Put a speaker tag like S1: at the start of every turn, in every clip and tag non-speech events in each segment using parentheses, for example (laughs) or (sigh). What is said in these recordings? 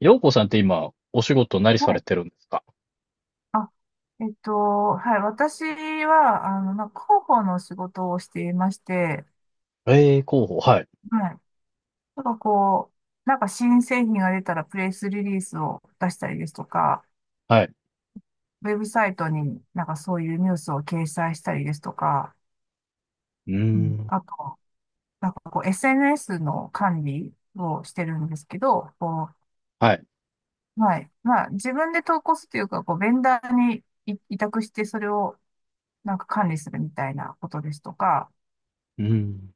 S1: 陽子さんって今、お仕事何さ
S2: は
S1: れ
S2: い。
S1: てるんですか？
S2: あ、えっと、はい。私は、なんか広報の仕事をしていまして、
S1: ええー広報、はい、
S2: はい。なんかこう、なんか新製品が出たらプレスリリースを出したりですとか、
S1: はい。
S2: ウェブサイトになんかそういうニュースを掲載したりですとか、
S1: うー
S2: うん、
S1: ん、
S2: あと、なんかこう SNS の管理をしてるんですけど、こ
S1: はい、
S2: う、はい。まあ自分で投稿するというか、こうベンダーに委託してそれをなんか管理するみたいなことですとか、
S1: うーん。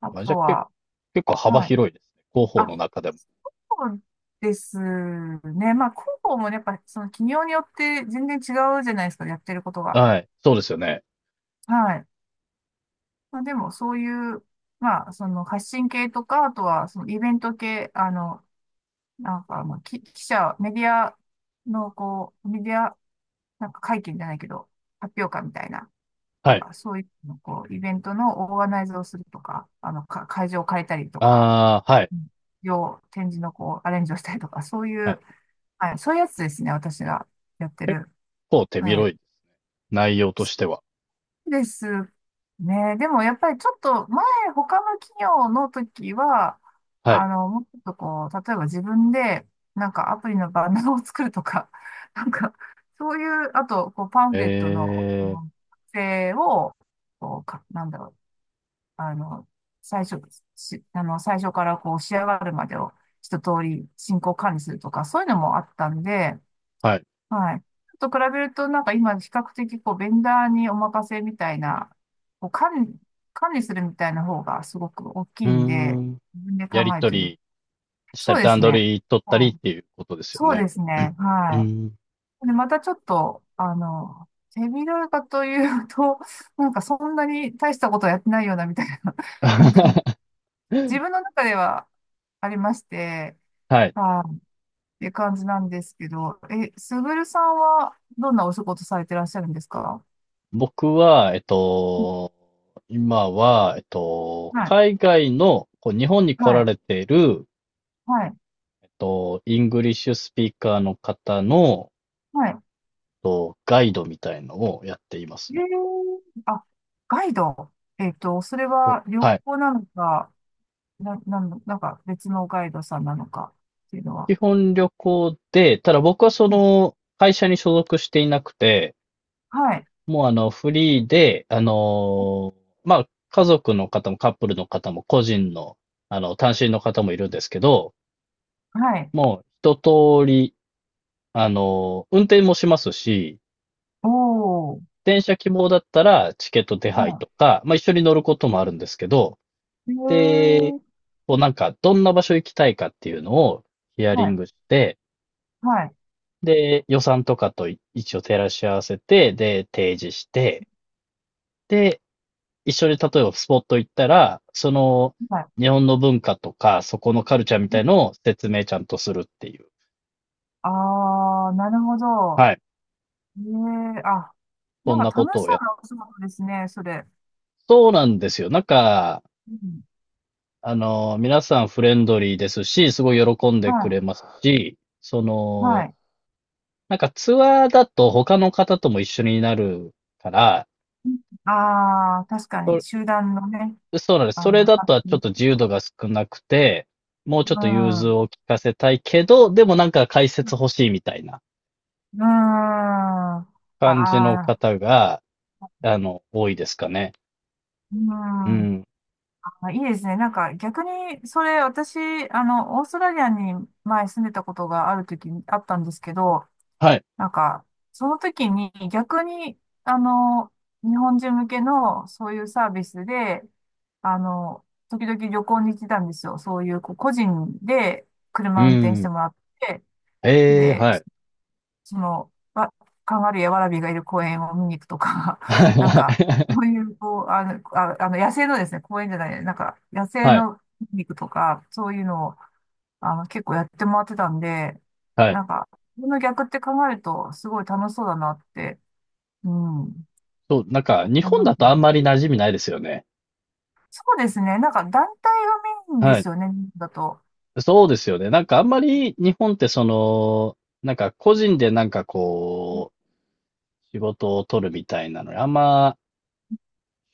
S2: あ
S1: あ、じゃ
S2: と
S1: あ、け、
S2: は、
S1: 結構幅
S2: はい。
S1: 広いですね。広報
S2: あ、
S1: の中でも。
S2: そうですね。まあ、広報もねやっぱ、その企業によって全然違うじゃないですか、やってることが。
S1: はい、そうですよね。
S2: はい。まあ、でも、そういう、まあ、その発信系とか、あとは、そのイベント系、なんか、まあ、記者、メディアの、こう、メディア、なんか会見じゃないけど、発表会みたいな、な
S1: は
S2: ん
S1: い。
S2: か、そういうの、こう、イベントのオーガナイズをするとか、会場を借りたりとか、
S1: ああ、はい、
S2: うん、要展示の、こう、アレンジをしたりとか、そうい
S1: はい。
S2: う、はい。そういうやつですね。私がやって
S1: 結
S2: る。
S1: 構手
S2: はい。
S1: 広いです。内容としては。
S2: ですね。でもやっぱりちょっと前、他の企業の時は、
S1: はい。
S2: もうちょっとこう、例えば自分で、なんかアプリのバナーを作るとか、(laughs) なんか、そういう、あと、こう、パン
S1: え
S2: フレットの、
S1: え、
S2: 作成を、こう、なんだろう、あの、最初、し、あの、最初からこう、仕上がるまでを一通り進行管理するとか、そういうのもあったんで、
S1: はい。
S2: はい。ちょっと比べると、なんか今、比較的、こう、ベンダーにお任せみたいな、こう、管理するみたいな方がすごく大き
S1: う
S2: い
S1: ー
S2: んで、
S1: ん。
S2: 自分で考
S1: やり
S2: える
S1: と
S2: という。
S1: りした
S2: そ
S1: り、
S2: うです
S1: 段
S2: ね。
S1: 取り取ったり
S2: は
S1: っ
S2: い。
S1: ていうことですよ
S2: そう
S1: ね。
S2: ですね。
S1: う
S2: は
S1: ん。
S2: い。で、またちょっと、手広いかというと、(laughs) なんかそんなに大したことはやってないようなみたいな、(laughs) なんか、
S1: (laughs)
S2: 自分の中ではありまして、
S1: はい。
S2: はい。っていう感じなんですけど、え、すぐるさんはどんなお仕事されてらっしゃるんですか？
S1: 僕は、
S2: うん。
S1: 今は、
S2: はい、
S1: 海外の、こう、日本に
S2: は
S1: 来ら
S2: い、
S1: れている、
S2: はい、
S1: イングリッシュスピーカーの方の、
S2: はい。
S1: ガイドみたいのをやっています
S2: ええ、
S1: ね。
S2: あ、ガイド。それ
S1: そう、
S2: は旅
S1: はい。
S2: 行なのか、なんの、なんか別のガイドさんなのかっていうのは。
S1: 基本旅行で、ただ僕はそ
S2: うん。
S1: の、会社に所属していなくて、
S2: はい、
S1: もうあの、フリーで、まあ、家族の方もカップルの方も個人の、あの、単身の方もいるんですけど、
S2: はい。
S1: もう一通り、あの、運転もしますし、
S2: おー、
S1: 電車希望だったらチケット手配
S2: は
S1: とか、まあ、一緒に乗ることもあるんですけど、
S2: い。ええ、
S1: で、こうなんか、どんな場所行きたいかっていうのをヒア
S2: は
S1: リン
S2: い、
S1: グして、
S2: はい、
S1: で、予算とかとい一応照らし合わせて、で、提示して、で、一緒に例えばスポット行ったら、その、
S2: はい。
S1: 日本の文化とか、そこのカルチャーみたいのを説明ちゃんとするっていう。
S2: あー、なるほど。
S1: はい。
S2: ええ、あ、
S1: そ
S2: なん
S1: んな
S2: か
S1: こ
S2: 楽
S1: と
S2: し
S1: を
S2: そ
S1: やっ
S2: うなお仕事ですね、それ。
S1: そうなんですよ。なんか、
S2: うん、
S1: あの、皆さんフレンドリーですし、すごい喜んでく
S2: は
S1: れますし、そ
S2: い、は
S1: の、
S2: い。
S1: なんかツアーだと他の方とも一緒になるから、
S2: ああ、確か
S1: そ
S2: に、集団のね、
S1: そうなんです。そ
S2: あ
S1: れ
S2: の、
S1: だとはちょっと自由度が少なくて、もうちょっ
S2: う
S1: と融
S2: ん。
S1: 通
S2: う
S1: を聞かせたいけど、でもなんか解説欲しいみたいな
S2: ん。あ
S1: 感じの
S2: あ、
S1: 方が、あの、多いですかね。
S2: う
S1: う
S2: ん。
S1: ん。
S2: あ、いいですね。なんか逆に、それ私、オーストラリアに前住んでたことがある時にあったんですけど、
S1: はい。
S2: なんか、その時に逆に、あの、日本人向けのそういうサービスで、あの、時々旅行に行ってたんですよ。そういう、こう個人で
S1: う
S2: 車運転して
S1: ん。
S2: もらって、
S1: ええ、
S2: で、
S1: はい。
S2: その、カンガルーやワラビーがいる公園を見に行くとか、
S1: (laughs)
S2: (laughs) なん
S1: は
S2: か、
S1: い、
S2: そういう、こう、あ、あの野生のですね、公園じゃない、なんか、野生
S1: はい。はい。
S2: の見に行くとか、そういうのを、結構やってもらってたんで、
S1: はい。
S2: なんか、この逆って考えると、すごい楽しそうだなって、うん、思
S1: そう、なんか、日
S2: い
S1: 本
S2: ま
S1: だ
S2: す
S1: と
S2: ね。
S1: あんまり馴染みないですよね。
S2: そうですね、なんか、団体がメインで
S1: はい。
S2: すよね、だと。
S1: そうですよね。なんかあんまり日本ってその、なんか個人でなんかこう、仕事を取るみたいなのにあんま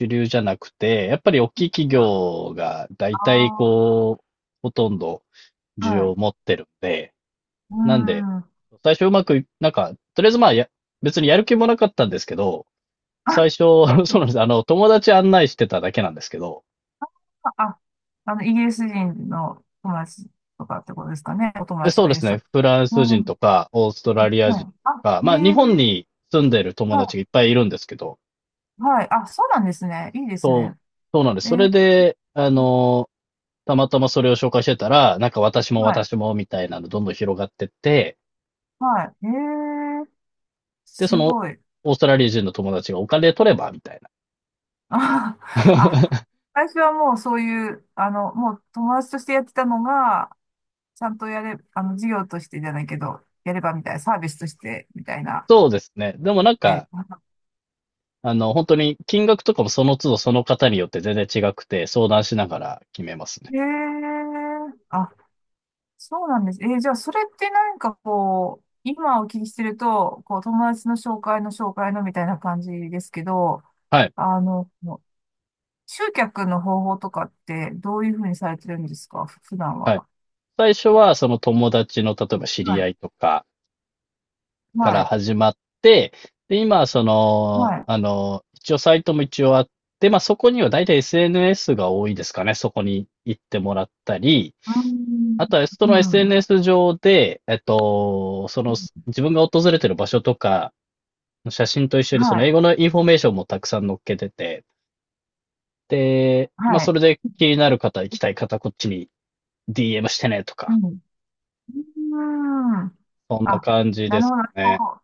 S1: 主流じゃなくて、やっぱり大きい企業が大体
S2: あ
S1: こう、ほとんど
S2: あ、
S1: 需
S2: は
S1: 要を持
S2: い。
S1: ってるんで、
S2: う
S1: なんで、
S2: ん。
S1: 最初うまくい、なんか、とりあえずまあや、別にやる気もなかったんですけど、最
S2: (laughs)
S1: 初、(laughs) そうなんです。あの、友達案内してただけなんですけど、
S2: あ、あの、イギリス人の友達とかってことですかね。お友
S1: え
S2: 達
S1: そう
S2: が
S1: で
S2: いらっ
S1: す
S2: しゃ
S1: ね。
S2: る。
S1: フラン
S2: う
S1: ス人
S2: ん。
S1: とか、オースト
S2: あ、
S1: ラリア
S2: は
S1: 人と
S2: い。あ、
S1: か、
S2: え
S1: まあ日本
S2: え、
S1: に住んでる友達がいっ
S2: は
S1: ぱいいるんですけど、
S2: い。はい。あ、そうなんですね。いいです
S1: そう、
S2: ね。
S1: そうなんです。
S2: え
S1: そ
S2: ー、
S1: れで、あの、たまたまそれを紹介してたら、なんか私も
S2: はい。
S1: 私もみたいなのどんどん広がってって、
S2: はい。ええ、
S1: で、そ
S2: す
S1: の、
S2: ごい。
S1: オーストラリア人の友達がお金取ればみたいな。
S2: (laughs) あ、あ、
S1: (laughs)
S2: 最初はもうそういう、もう友達としてやってたのが、ちゃんとやれ、授業としてじゃないけど、やればみたいな、サービスとしてみたいな。
S1: そうですね。でもなんか、
S2: ね。
S1: あの、本当に金額とかもその都度その方によって全然違くて、相談しながら決めますね。
S2: ええ、あ、そうなんです。えー、じゃあ、それってなんかこう、今お聞きしてると、こう、友達の紹介の紹介のみたいな感じですけど、
S1: はい。
S2: あの、集客の方法とかってどういうふうにされてるんですか、普段は。
S1: はい。最初はその友達の、例えば知
S2: は
S1: り合
S2: い。
S1: いとか、か
S2: は
S1: ら
S2: い。
S1: 始まって、で、今はその、
S2: はい。
S1: あの、一応サイトも一応あって、まあ、そこには大体 SNS が多いですかね。そこに行ってもらったり、
S2: うー
S1: あ
S2: ん。
S1: とはそ
S2: う
S1: の
S2: ん。
S1: SNS 上で、その自分が訪れてる場所とか、写真と一緒にそ
S2: は
S1: の
S2: い。
S1: 英語のインフォメーションもたくさん載っけてて、で、まあ、
S2: は
S1: そ
S2: い。
S1: れで気になる方、行きたい方、こっちに DM してねと
S2: う
S1: か、
S2: ん。うーん。
S1: そんな
S2: あ、
S1: 感じ
S2: な
S1: で
S2: るほ
S1: す
S2: ど。なる
S1: かね。
S2: ほど。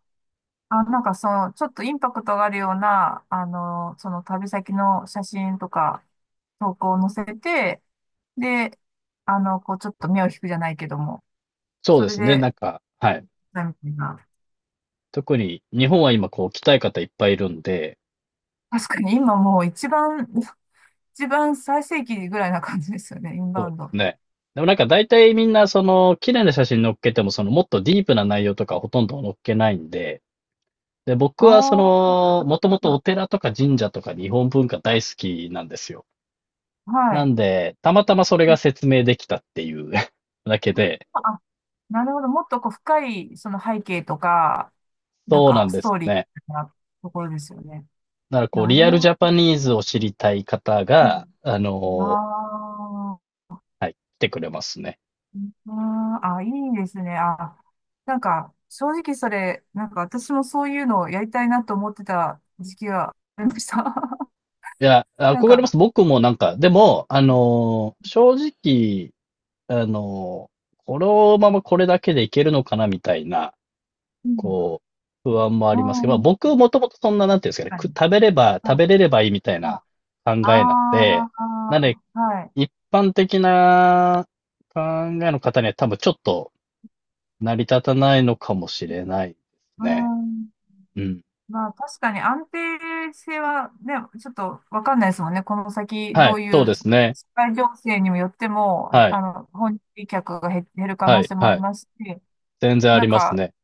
S2: あ、なんかその、ちょっとインパクトがあるような、その旅先の写真とか、投稿を載せて、で、こう、ちょっと目を引くじゃないけども、
S1: そう
S2: そ
S1: で
S2: れ
S1: すね。
S2: で、
S1: なんか、はい。
S2: みたいな。
S1: 特に日本は今こう来たい方いっぱいいるんで、
S2: 確かに今もう
S1: そう
S2: 一番最盛期ぐらいな感じですよね、イン
S1: そ
S2: バ
S1: う
S2: ウ
S1: で
S2: ンド。
S1: す
S2: あ
S1: ね。でもなんか大体みんなその綺麗な写真載っけてもそのもっとディープな内容とかほとんど載っけないんで、で、僕はそ
S2: あ、
S1: の、もともとお寺とか神社とか日本文化大好きなんですよ。
S2: は
S1: な
S2: い。
S1: んで、たまたまそれが説明できたっていう (laughs) だけで、
S2: あ、なるほど。もっとこう深いその背景とか、なん
S1: そうな
S2: か
S1: ん
S2: ス
S1: で
S2: ト
S1: す
S2: ーリ
S1: ね。
S2: ーなところですよね。
S1: だからこう、
S2: な
S1: リ
S2: る
S1: アルジ
S2: ほ
S1: ャパニーズを知りたい方が、
S2: ど。
S1: あの、
S2: ああ、
S1: はい、来てくれますね。
S2: あーあ、いいですね。あ、なんか、正直それ、なんか私もそういうのをやりたいなと思ってた時期がありました。(laughs)
S1: いや、
S2: なん
S1: 憧れます。
S2: か、
S1: 僕もなんか、でも、正直、あのーこのままこれだけでいけるのかなみたいな、
S2: うん、
S1: こう、不安もあ
S2: う
S1: りますけど、まあ
S2: ん、
S1: 僕もともとそんな、なんていうんですかね、
S2: 確か
S1: く
S2: に。
S1: 食べれば、
S2: はい、
S1: 食べれればいいみたい
S2: はい。
S1: な考えなん
S2: あ
S1: で、
S2: あ、
S1: なんで、
S2: はい。
S1: 一般的な考えの方には多分ちょっと成り立たないのかもしれないです
S2: う
S1: ね。
S2: ん。
S1: うん。
S2: まあ、確かに安定性はね、ちょっとわかんないですもんね。この先、
S1: は
S2: ど
S1: い、
S2: う
S1: そう
S2: いう
S1: ですね。
S2: 社会情勢にもよっても、
S1: はい、
S2: 訪日客が減る可
S1: は
S2: 能
S1: い、
S2: 性もあ
S1: は
S2: り
S1: い。
S2: ますし、
S1: 全然あ
S2: な
S1: り
S2: ん
S1: ます
S2: か、
S1: ね。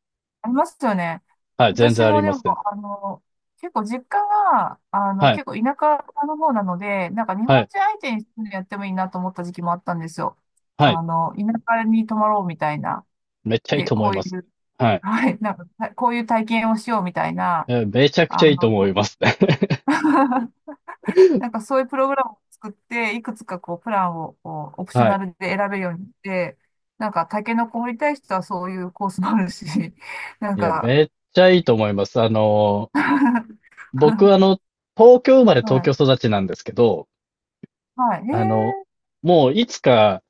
S2: ありますよね。
S1: はい、全然
S2: 私
S1: あり
S2: もで
S1: ます、
S2: も、
S1: 全然。
S2: あの、結構実家が、
S1: はい。
S2: 結構田舎の方なので、なんか日
S1: は
S2: 本
S1: い、
S2: 人相手にやってもいいなと思った時期もあったんですよ。
S1: はい。
S2: 田舎に泊まろうみたいな。
S1: めっちゃいい
S2: で、
S1: と思
S2: こ
S1: い
S2: うい
S1: ます。
S2: う、
S1: は
S2: (laughs)
S1: い。
S2: はい、なんか、こういう体験をしようみたいな、
S1: え、めちゃくち
S2: あ
S1: ゃいいと思い
S2: の、
S1: ます。(laughs)
S2: (laughs) なんかそういうプログラムを作って、いくつかこう、プランをこうオプショ
S1: は
S2: ナ
S1: い。
S2: ルで選べるようにして、なんか、タケノコ掘りたい人はそういうコースもあるし、なん
S1: いや、
S2: か、
S1: めっちゃいいと思います。あの、
S2: (laughs)
S1: 僕あの、東京生まれ東
S2: は
S1: 京
S2: い。
S1: 育ちなんですけど、
S2: はい。へ
S1: あの、
S2: え。
S1: もういつか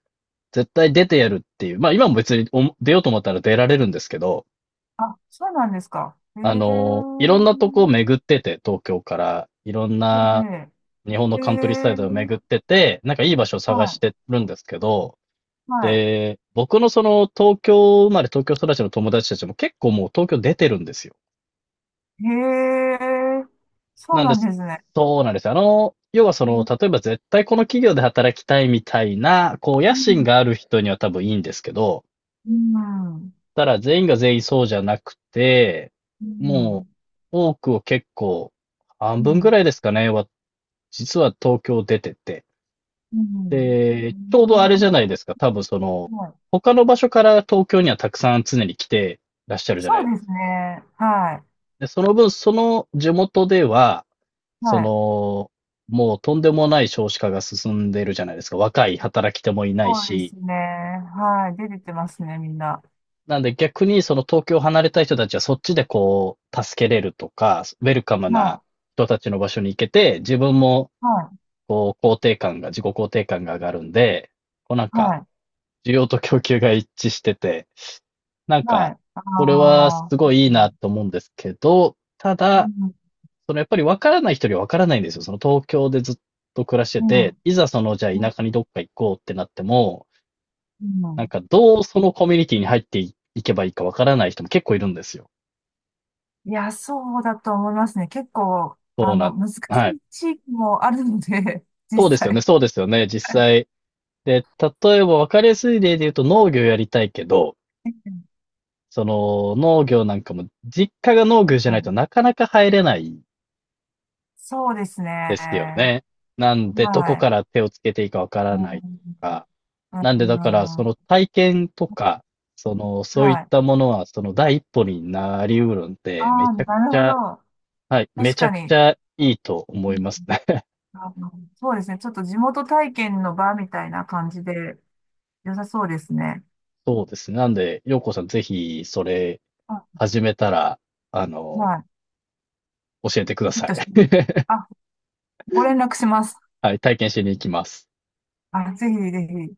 S1: 絶対出てやるっていう、まあ今も別にお出ようと思ったら出られるんですけど、
S2: あ、そうなんですか。へ
S1: あの、
S2: え。
S1: いろんなとこを巡ってて、東京から、いろんな
S2: え
S1: 日本の
S2: え。へ
S1: カントリーサイドを巡っ
S2: え。
S1: てて、なんかいい場所を探し
S2: は
S1: てるんですけど、
S2: い。は
S1: で、僕のその東京生まれ東京育ちの友達たちも結構もう東京出てるんですよ。
S2: い。へえ。そう
S1: なんで
S2: なん
S1: す。
S2: ですね。
S1: そうなんですよ。あの、要はそ
S2: う
S1: の、
S2: ん。
S1: 例えば絶対この企業で働きたいみたいな、こう、
S2: う
S1: 野心
S2: ん。
S1: がある人には多分いいんですけど、
S2: うん。
S1: ただ全員が全員そうじゃなくて、
S2: う
S1: も
S2: ん。
S1: う、多くを結構、半分
S2: う
S1: ぐらいですかね、は、実は東京出てて。
S2: ん。
S1: で、
S2: う
S1: ちょうどあれじゃ
S2: ん。
S1: ないですか。多分その、
S2: はい。
S1: 他の場所から東京にはたくさん常に来てらっしゃるじゃ
S2: そ
S1: な
S2: う
S1: い
S2: ですね。は
S1: で、その分、その地元では、
S2: い。
S1: そ
S2: はい。
S1: の、もうとんでもない少子化が進んでるじゃないですか。若い働き手もいない
S2: そうで
S1: し。
S2: すね。はい。出ててますね、みんな。
S1: なんで逆にその東京を離れたい人たちはそっちでこう、助けれるとか、ウェルカムな
S2: は
S1: 人たちの場所に行けて、自分も
S2: い。はい。
S1: こう、肯定感が、自己肯定感が上がるんで、こうなんか、
S2: はい。
S1: 需要と供給が一致してて、なん
S2: は
S1: か、
S2: い。あ
S1: それはす
S2: あ。
S1: ごいい
S2: う
S1: いな
S2: ん。
S1: と思うんですけど、た
S2: う
S1: だ、
S2: ん。
S1: そのやっぱり分からない人には分からないんですよ。その東京でずっと暮らしてて、いざそのじゃ
S2: う
S1: あ田
S2: ん。
S1: 舎にどっか行こうってなっても、
S2: う
S1: なん
S2: ん。
S1: かどうそのコミュニティに入っていけばいいか分からない人も結構いるんですよ。
S2: いや、そうだと思いますね。結構、
S1: そうなん、
S2: 難し
S1: はい。
S2: い地域もあるので、(laughs) 実
S1: そうですよね、
S2: 際。
S1: そうですよね、実
S2: はい。
S1: 際。で、例えば分かりやすい例で言うと農業やりたいけど、その農業なんかも実家が農
S2: う
S1: 業じゃないと
S2: ん。
S1: なかなか入れない
S2: そうです
S1: ですよ
S2: ね。
S1: ね。なんでどこ
S2: は
S1: か
S2: い。
S1: ら手をつけていいか分か
S2: う
S1: らないと
S2: ん、
S1: か。
S2: う
S1: なんでだから、そ
S2: ん。
S1: の体験とか、その、そういっ
S2: はい。
S1: たものは、その第一歩になりうるん
S2: あ
S1: で、めち
S2: あ、
S1: ゃく
S2: なる
S1: ち
S2: ほ
S1: ゃ、
S2: ど。
S1: はい、め
S2: 確
S1: ちゃ
S2: か
S1: くち
S2: に、
S1: ゃいいと
S2: う
S1: 思い
S2: ん、
S1: ますね。(laughs)
S2: そうですね。ちょっと地元体験の場みたいな感じで良さそうですね。
S1: そうですね。なんで、ようこさんぜひ、それ、
S2: あ、
S1: 始めたら、あ
S2: は
S1: の、
S2: い。
S1: 教えてくだ
S2: ヒッ
S1: さい。
S2: トして。
S1: (laughs)
S2: あ、ご連絡します。
S1: はい、体験しに行きます。
S2: あ、ぜひぜひ。